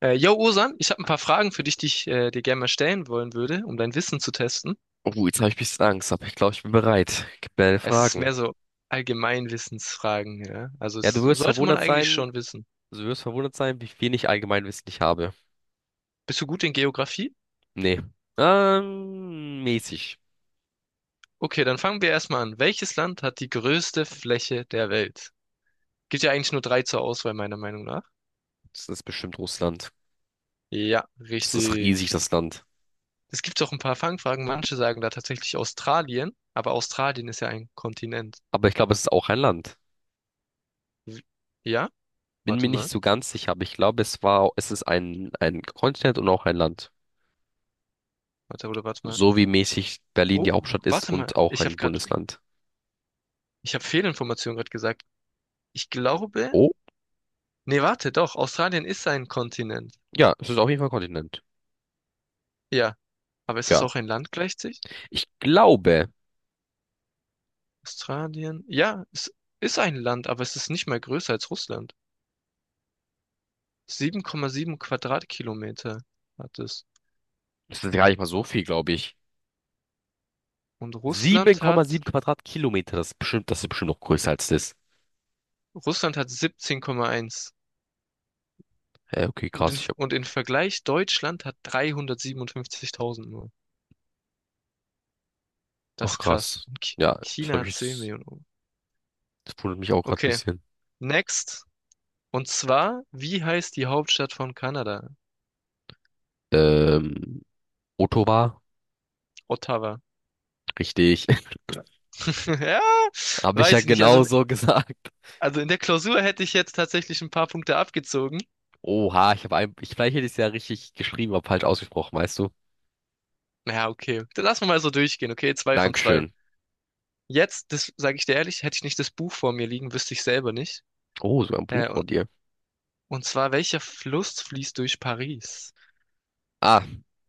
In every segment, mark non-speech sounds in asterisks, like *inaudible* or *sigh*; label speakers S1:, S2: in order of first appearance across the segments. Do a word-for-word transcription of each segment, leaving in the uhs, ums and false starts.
S1: Äh, yo, Osan, ich habe ein paar Fragen für dich, die ich äh, dir gerne mal stellen wollen würde, um dein Wissen zu testen.
S2: Oh, jetzt habe ich ein bisschen Angst, aber ich glaube, ich bin bereit. Gib mir deine
S1: Es ist mehr
S2: Fragen.
S1: so Allgemeinwissensfragen, ja. Also
S2: Ja,
S1: es
S2: du wirst
S1: sollte man
S2: verwundert
S1: eigentlich
S2: sein,
S1: schon wissen.
S2: du wirst verwundert sein, wie viel ich Allgemeinwissen ich habe.
S1: Bist du gut in Geografie?
S2: Nee. Ähm, mäßig.
S1: Okay, dann fangen wir erstmal an. Welches Land hat die größte Fläche der Welt? Gibt ja eigentlich nur drei zur Auswahl, meiner Meinung nach.
S2: Das ist bestimmt Russland.
S1: Ja,
S2: Das ist riesig,
S1: richtig.
S2: das Land.
S1: Es gibt auch ein paar Fangfragen. Manche sagen da tatsächlich Australien, aber Australien ist ja ein Kontinent.
S2: Aber ich glaube, es ist auch ein Land.
S1: W- Ja?
S2: Bin mir
S1: Warte
S2: nicht
S1: mal.
S2: so ganz sicher, aber ich glaube, es war, es ist ein, ein Kontinent und auch ein Land.
S1: Warte, oder warte mal.
S2: So wie mäßig Berlin die
S1: Oh,
S2: Hauptstadt ist
S1: warte mal.
S2: und auch
S1: Ich habe
S2: ein
S1: gerade
S2: Bundesland.
S1: Ich habe Fehlinformation gerade gesagt. Ich glaube,
S2: Oh,
S1: nee, warte, doch, Australien ist ein Kontinent.
S2: ja, es ist auf jeden Fall ein Kontinent.
S1: Ja, aber ist es
S2: Ja.
S1: auch ein Land gleichzeitig?
S2: Ich glaube,
S1: Australien, ja, es ist ein Land, aber es ist nicht mal größer als Russland. sieben Komma sieben Quadratkilometer hat es.
S2: es ist gar nicht mal so viel, glaube ich.
S1: Und Russland hat,
S2: sieben Komma sieben Quadratkilometer, das ist bestimmt, das ist bestimmt noch größer als das.
S1: Russland hat siebzehn Komma eins.
S2: Äh, okay,
S1: Und
S2: krass,
S1: in,
S2: ich hab,
S1: und in Vergleich, Deutschland hat dreihundertsiebenundfünfzigtausend nur. Das
S2: ach
S1: ist krass.
S2: krass.
S1: Und Ch-
S2: Ja, ich
S1: China
S2: habe
S1: hat zehn
S2: ich,
S1: Millionen.
S2: das wundert mich auch gerade ein
S1: Okay,
S2: bisschen.
S1: next. Und zwar, wie heißt die Hauptstadt von Kanada?
S2: Ähm, Ottawa,
S1: Ottawa. *laughs*
S2: richtig. *laughs*
S1: Ja,
S2: Habe ich ja
S1: weiß ich nicht. Also,
S2: genau
S1: in-
S2: so *laughs* gesagt.
S1: also in der Klausur hätte ich jetzt tatsächlich ein paar Punkte abgezogen.
S2: Oha, ich habe ein, ich, vielleicht hätte ich es ja richtig geschrieben, aber falsch ausgesprochen, weißt du?
S1: Ja, okay. Dann lassen wir mal so durchgehen, okay? Zwei von zwei.
S2: Dankeschön.
S1: Jetzt, das sage ich dir ehrlich, hätte ich nicht das Buch vor mir liegen, wüsste ich selber nicht.
S2: Oh, so ein
S1: Äh,
S2: Buch von
S1: und,
S2: dir.
S1: und zwar, welcher Fluss fließt durch Paris?
S2: Ah,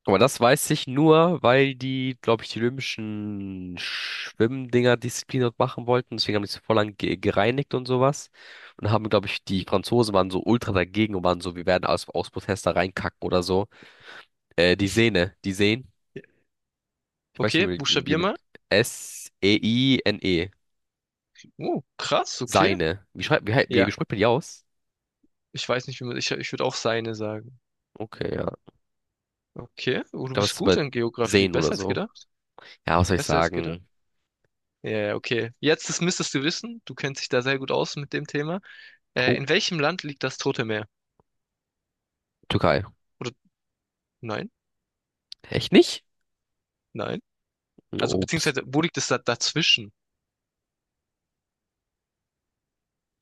S2: aber das weiß ich nur, weil die, glaube ich, die olympischen Schwimmdinger Disziplin dort machen wollten. Deswegen haben die es voll lang ge gereinigt und sowas. Und haben, glaube ich, die Franzosen waren so ultra dagegen und waren so, wir werden aus, aus Protest da reinkacken oder so. Äh, die Sehne, die Sehnen. Ich weiß nicht,
S1: Okay,
S2: wie, man- wie, wie
S1: buchstabier
S2: man.
S1: mal.
S2: S E I N E.
S1: Oh, krass, okay.
S2: Seine. Wie schreibt, wie, hei- wie, wie
S1: Ja,
S2: spricht man die aus?
S1: ich weiß nicht, wie man, ich, ich würde auch Seine sagen.
S2: Okay, ja.
S1: Okay, oh,
S2: Ich
S1: du
S2: glaube, es
S1: bist
S2: ist
S1: gut
S2: bei
S1: in Geografie.
S2: Sehnen oder
S1: Besser als
S2: so.
S1: gedacht.
S2: Ja, was soll ich
S1: Besser als gedacht.
S2: sagen?
S1: Ja, ja, okay. Jetzt, das müsstest du wissen. Du kennst dich da sehr gut aus mit dem Thema. Äh,
S2: Oh,
S1: in welchem Land liegt das Tote Meer?
S2: Türkei.
S1: Oder nein,
S2: Echt nicht?
S1: nein. Also
S2: Ups.
S1: beziehungsweise, wo liegt es da, dazwischen?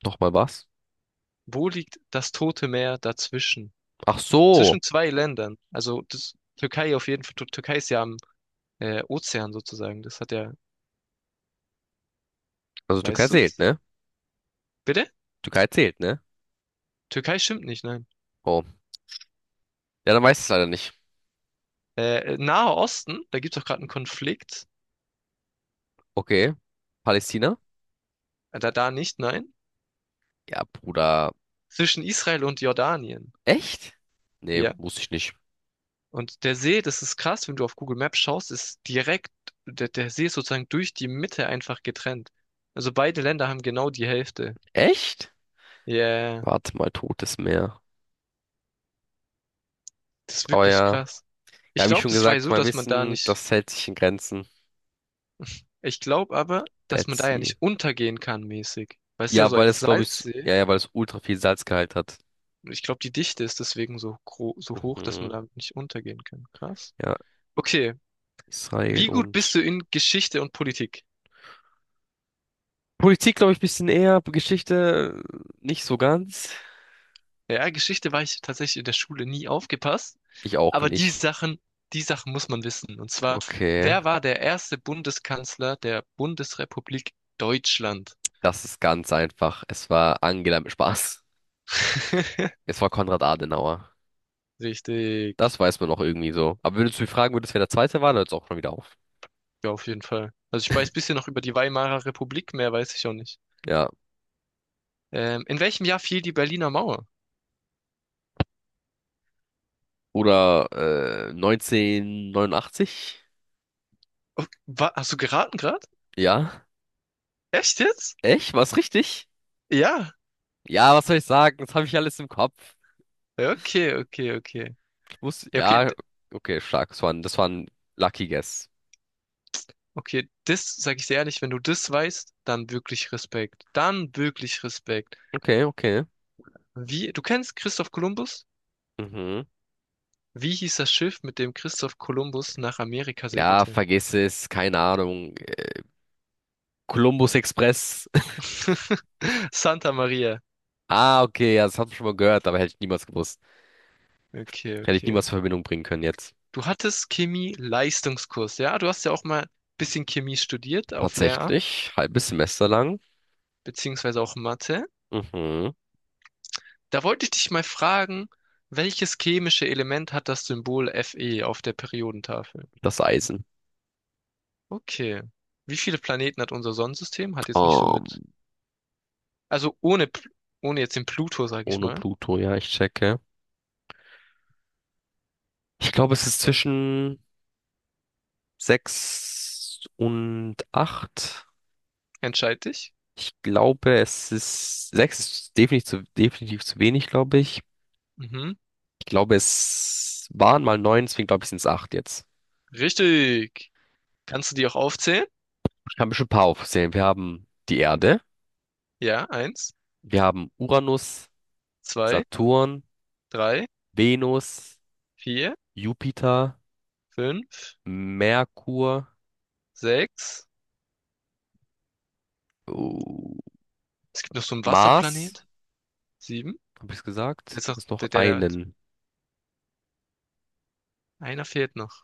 S2: Nochmal was?
S1: Wo liegt das Tote Meer dazwischen?
S2: Ach so.
S1: Zwischen zwei Ländern. Also das Türkei auf jeden Fall. Tür- Türkei ist ja am äh, Ozean sozusagen. Das hat ja,
S2: Also Türkei
S1: weißt
S2: zählt,
S1: du's?
S2: ne?
S1: Bitte?
S2: Türkei zählt, ne?
S1: Türkei stimmt nicht, nein.
S2: Oh. Ja, dann weiß ich es leider nicht.
S1: Äh, äh, Nahe Osten, da gibt es doch gerade einen Konflikt.
S2: Okay. Palästina?
S1: Äh, Da, da nicht, nein.
S2: Ja, Bruder.
S1: Zwischen Israel und Jordanien.
S2: Echt? Nee,
S1: Ja.
S2: wusste ich nicht.
S1: Und der See, das ist krass, wenn du auf Google Maps schaust, ist direkt, der, der See ist sozusagen durch die Mitte einfach getrennt. Also beide Länder haben genau die Hälfte.
S2: Echt?
S1: Ja, yeah,
S2: Warte mal, Totes Meer.
S1: das ist
S2: Aber
S1: wirklich
S2: ja.
S1: krass. Ich
S2: Ja, wie
S1: glaube,
S2: schon
S1: das war ja
S2: gesagt,
S1: so,
S2: mein
S1: dass man da
S2: Wissen,
S1: nicht,
S2: das hält sich in Grenzen.
S1: ich glaube aber, dass
S2: Dead
S1: man da ja
S2: Sea.
S1: nicht untergehen kann mäßig. Weil es ist ja
S2: Ja,
S1: so
S2: weil
S1: ein
S2: es, glaube ich, s-
S1: Salzsee.
S2: ja, ja, weil es ultra viel Salzgehalt hat.
S1: Und ich glaube, die Dichte ist deswegen so gro so hoch, dass man
S2: Mhm.
S1: da nicht untergehen kann. Krass.
S2: Ja,
S1: Okay,
S2: Israel
S1: wie gut bist
S2: und
S1: du in Geschichte und Politik?
S2: Politik, glaube ich, ein bisschen eher. Geschichte äh, nicht so ganz.
S1: Ja, Geschichte war ich tatsächlich in der Schule nie aufgepasst.
S2: Ich auch
S1: Aber die
S2: nicht.
S1: Sachen, die Sachen muss man wissen. Und zwar,
S2: Okay.
S1: wer war der erste Bundeskanzler der Bundesrepublik Deutschland?
S2: Das ist ganz einfach. Es war Angela mit Spaß.
S1: *laughs*
S2: Es war Konrad Adenauer.
S1: Richtig.
S2: Das weiß man noch irgendwie so. Aber wenn du mich fragen, würdest, wer der Zweite war, dann hört es auch schon wieder auf.
S1: Ja, auf jeden Fall. Also ich weiß bisschen noch über die Weimarer Republik, mehr weiß ich auch nicht.
S2: Ja.
S1: Ähm, in welchem Jahr fiel die Berliner Mauer?
S2: Oder äh, neunzehnhundertneunundachtzig?
S1: Oh, wa- hast du geraten gerade?
S2: Ja.
S1: Echt jetzt?
S2: Echt? War's richtig?
S1: Ja.
S2: Ja, was soll ich sagen? Das habe ich alles im Kopf.
S1: Okay, okay, okay.
S2: Ich muss,
S1: Ja, okay,
S2: ja,
S1: d-
S2: okay, stark. Das war ein, das war ein Lucky Guess.
S1: okay, das sage ich dir ehrlich, wenn du das weißt, dann wirklich Respekt. Dann wirklich Respekt.
S2: Okay, okay.
S1: Wie, du kennst Christoph Kolumbus?
S2: Mhm.
S1: Wie hieß das Schiff, mit dem Christoph Kolumbus nach Amerika
S2: Ja,
S1: segelte?
S2: vergiss es. Keine Ahnung. Columbus Express. *laughs*
S1: *laughs* Santa Maria.
S2: Ah, okay, ja, das hab ich schon mal gehört, aber hätte ich niemals gewusst.
S1: Okay,
S2: Hätte ich
S1: okay.
S2: niemals in Verbindung bringen können jetzt.
S1: Du hattest Chemie-Leistungskurs, ja? Du hast ja auch mal ein bisschen Chemie studiert auf Lehramt,
S2: Tatsächlich, halbes Semester lang.
S1: beziehungsweise auch Mathe.
S2: Mhm.
S1: Da wollte ich dich mal fragen, welches chemische Element hat das Symbol Fe auf der Periodentafel?
S2: Das Eisen.
S1: Okay. Wie viele Planeten hat unser Sonnensystem? Hat jetzt nicht so mit.
S2: Ähm,
S1: Also ohne, Pl- Ohne jetzt den Pluto, sag ich
S2: ohne
S1: mal.
S2: Pluto, ja, ich checke. Ich glaube, es ist zwischen sechs und acht.
S1: Entscheid dich.
S2: Ich glaube, es ist sechs ist definitiv zu, definitiv zu wenig, glaube ich.
S1: Mhm.
S2: Ich glaube, es waren mal neun, deswegen glaube ich, sind es acht jetzt.
S1: Richtig. Kannst du die auch aufzählen?
S2: Ich kann bestimmt ein paar aufzählen. Wir haben die Erde,
S1: Ja, eins,
S2: wir haben Uranus,
S1: zwei,
S2: Saturn,
S1: drei,
S2: Venus,
S1: vier,
S2: Jupiter.
S1: fünf,
S2: Merkur,
S1: sechs.
S2: oh,
S1: Es gibt noch so einen
S2: Mars,
S1: Wasserplanet. Sieben.
S2: habe ich
S1: Der
S2: gesagt?
S1: ist noch,
S2: Ist noch
S1: der, der,
S2: einen.
S1: einer fehlt noch.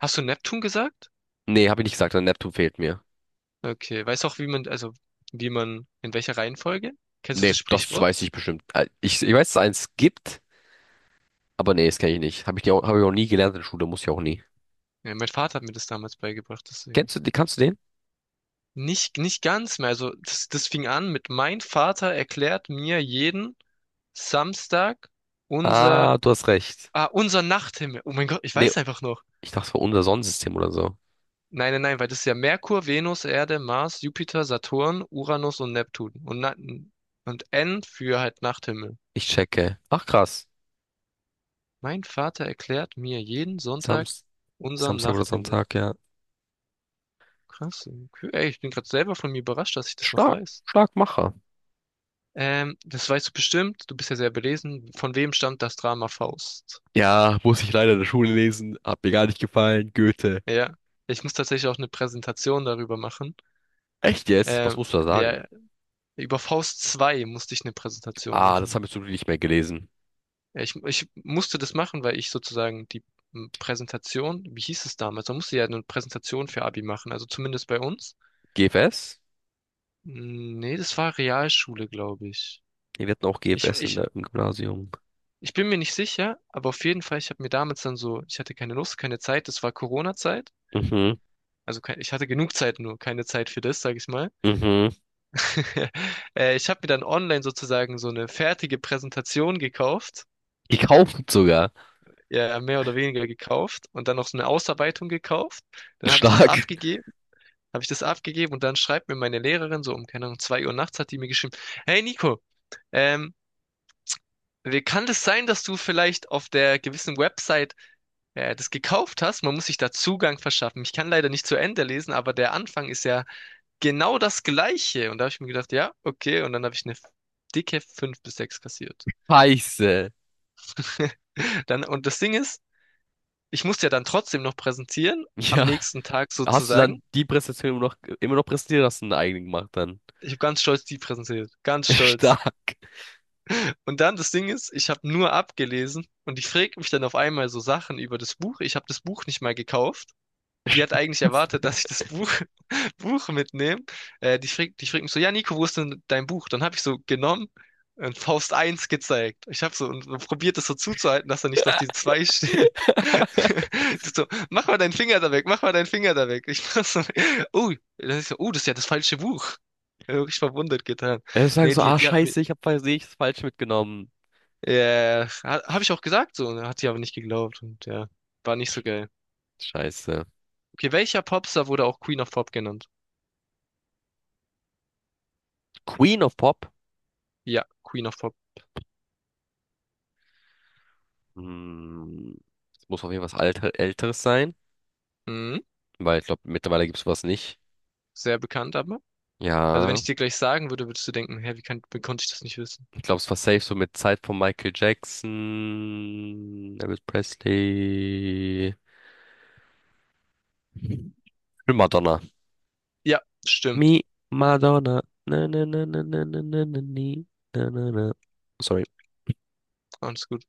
S1: Hast du Neptun gesagt?
S2: Nee, habe ich nicht gesagt, der Neptun fehlt mir.
S1: Okay. Weißt du auch, wie man, also, wie man, in welcher Reihenfolge? Kennst du
S2: Nee,
S1: das
S2: das
S1: Sprichwort?
S2: weiß ich bestimmt. Äh, Ich, ich weiß, dass es eins gibt, aber nee, das kenne ich nicht. Habe ich, die auch- hab ich auch nie gelernt in der Schule, muss ich auch nie.
S1: Ja, mein Vater hat mir das damals beigebracht, deswegen.
S2: Kennst du, die- kannst du den?
S1: Nicht, nicht ganz mehr. Also, das, das fing an mit, mein Vater erklärt mir jeden Samstag unser,
S2: Ah, du hast recht.
S1: ah, unser Nachthimmel. Oh mein Gott, ich
S2: Nee,
S1: weiß einfach noch.
S2: ich dachte, es war unser Sonnensystem oder so.
S1: Nein, nein, nein, weil das ist ja Merkur, Venus, Erde, Mars, Jupiter, Saturn, Uranus und Neptun. Und, Na und N für halt Nachthimmel.
S2: Ich checke. Ach, krass.
S1: Mein Vater erklärt mir jeden Sonntag
S2: Samst,
S1: unseren
S2: Samstag oder
S1: Nachthimmel.
S2: Sonntag, ja.
S1: Krass. Okay. Ey, ich bin gerade selber von mir überrascht, dass ich das noch
S2: Stark,
S1: weiß.
S2: stark Macher.
S1: Ähm, das weißt du bestimmt. Du bist ja sehr belesen. Von wem stammt das Drama Faust?
S2: Ja, muss ich leider in der Schule lesen. Hat mir gar nicht gefallen. Goethe.
S1: Ja. Ich muss tatsächlich auch eine Präsentation darüber machen.
S2: Echt jetzt? Was
S1: Ähm,
S2: musst du da sagen?
S1: ja, über Faust zwei musste ich eine Präsentation
S2: Ah, das
S1: machen.
S2: habe ich so nicht mehr gelesen.
S1: Ja, ich, ich musste das machen, weil ich sozusagen die m, Präsentation, wie hieß es damals? Man musste ja eine Präsentation für Abi machen, also zumindest bei uns.
S2: G F S?
S1: M, Nee, das war Realschule, glaube ich.
S2: Nee, Wir hatten auch
S1: Ich,
S2: G F S in
S1: ich,
S2: der, im Gymnasium.
S1: ich bin mir nicht sicher, aber auf jeden Fall, ich habe mir damals dann so, ich hatte keine Lust, keine Zeit, das war Corona-Zeit.
S2: Mhm,
S1: Also kein, ich hatte genug Zeit, nur keine Zeit für das, sage ich mal.
S2: mhm.
S1: *laughs* Äh, ich habe mir dann online sozusagen so eine fertige Präsentation gekauft,
S2: Gekauft sogar.
S1: ja, mehr oder weniger gekauft und dann noch so eine Ausarbeitung gekauft.
S2: *laughs*
S1: Dann habe ich das
S2: Stark.
S1: abgegeben. Habe ich das abgegeben und dann schreibt mir meine Lehrerin so um, keine Ahnung, zwei Uhr nachts hat die mir geschrieben, hey Nico, ähm, wie kann es sein, dass du vielleicht auf der gewissen Website äh, das gekauft hast? Man muss sich da Zugang verschaffen. Ich kann leider nicht zu Ende lesen, aber der Anfang ist ja genau das Gleiche. Und da habe ich mir gedacht, ja, okay. Und dann habe ich eine dicke fünf bis sechs kassiert.
S2: Scheiße.
S1: *laughs* Dann, und das Ding ist, ich musste ja dann trotzdem noch präsentieren, am
S2: Ja.
S1: nächsten Tag
S2: Hast du
S1: sozusagen.
S2: dann die Präsentation immer noch, immer noch präsentiert, hast du eine eigene gemacht dann?
S1: Ich habe ganz stolz die präsentiert. Ganz
S2: *laughs*
S1: stolz.
S2: Stark.
S1: Und dann das Ding ist, ich habe nur abgelesen und die fragt mich dann auf einmal so Sachen über das Buch. Ich habe das Buch nicht mal gekauft. Die hat eigentlich erwartet,
S2: Scheiße.
S1: dass ich das Buch, *laughs* Buch mitnehme. Äh, die fragt, die fragt mich so, ja, Nico, wo ist denn dein Buch? Dann habe ich so genommen und Faust eins gezeigt. Ich habe so und probiert das so zuzuhalten, dass da nicht noch die zwei steht.
S2: *laughs*
S1: *laughs* Die so, mach mal deinen Finger da weg, mach mal deinen Finger da weg. Ich mach so, oh, das ist, so, oh, das ist ja das falsche Buch. Wirklich verwundert getan.
S2: Er sagt
S1: Nee,
S2: so,
S1: die,
S2: ah,
S1: die hat mir,
S2: scheiße, ich habe versehentlich das falsch mitgenommen.
S1: ja, habe ich auch gesagt so, ne? Hat sie aber nicht geglaubt und ja, war nicht so
S2: Sch-
S1: geil.
S2: Scheiße.
S1: Okay, welcher Popstar wurde auch Queen of Pop genannt?
S2: Queen of Pop?
S1: Ja, Queen of Pop.
S2: Hm, das muss auf jeden Fall was Alter, Älteres sein,
S1: Mhm,
S2: weil ich glaube, mittlerweile gibt es sowas nicht.
S1: sehr bekannt aber. Also wenn
S2: Ja.
S1: ich dir gleich sagen würde, würdest du denken, hä, wie kann, wie konnte ich das nicht wissen?
S2: Ich glaube, es war safe so mit Zeit von Michael Jackson, Elvis Presley, und Madonna.
S1: Ja, stimmt.
S2: Me, Madonna. Na, na, na, na, na, na, na, na, na, na, na. Sorry.
S1: Alles gut.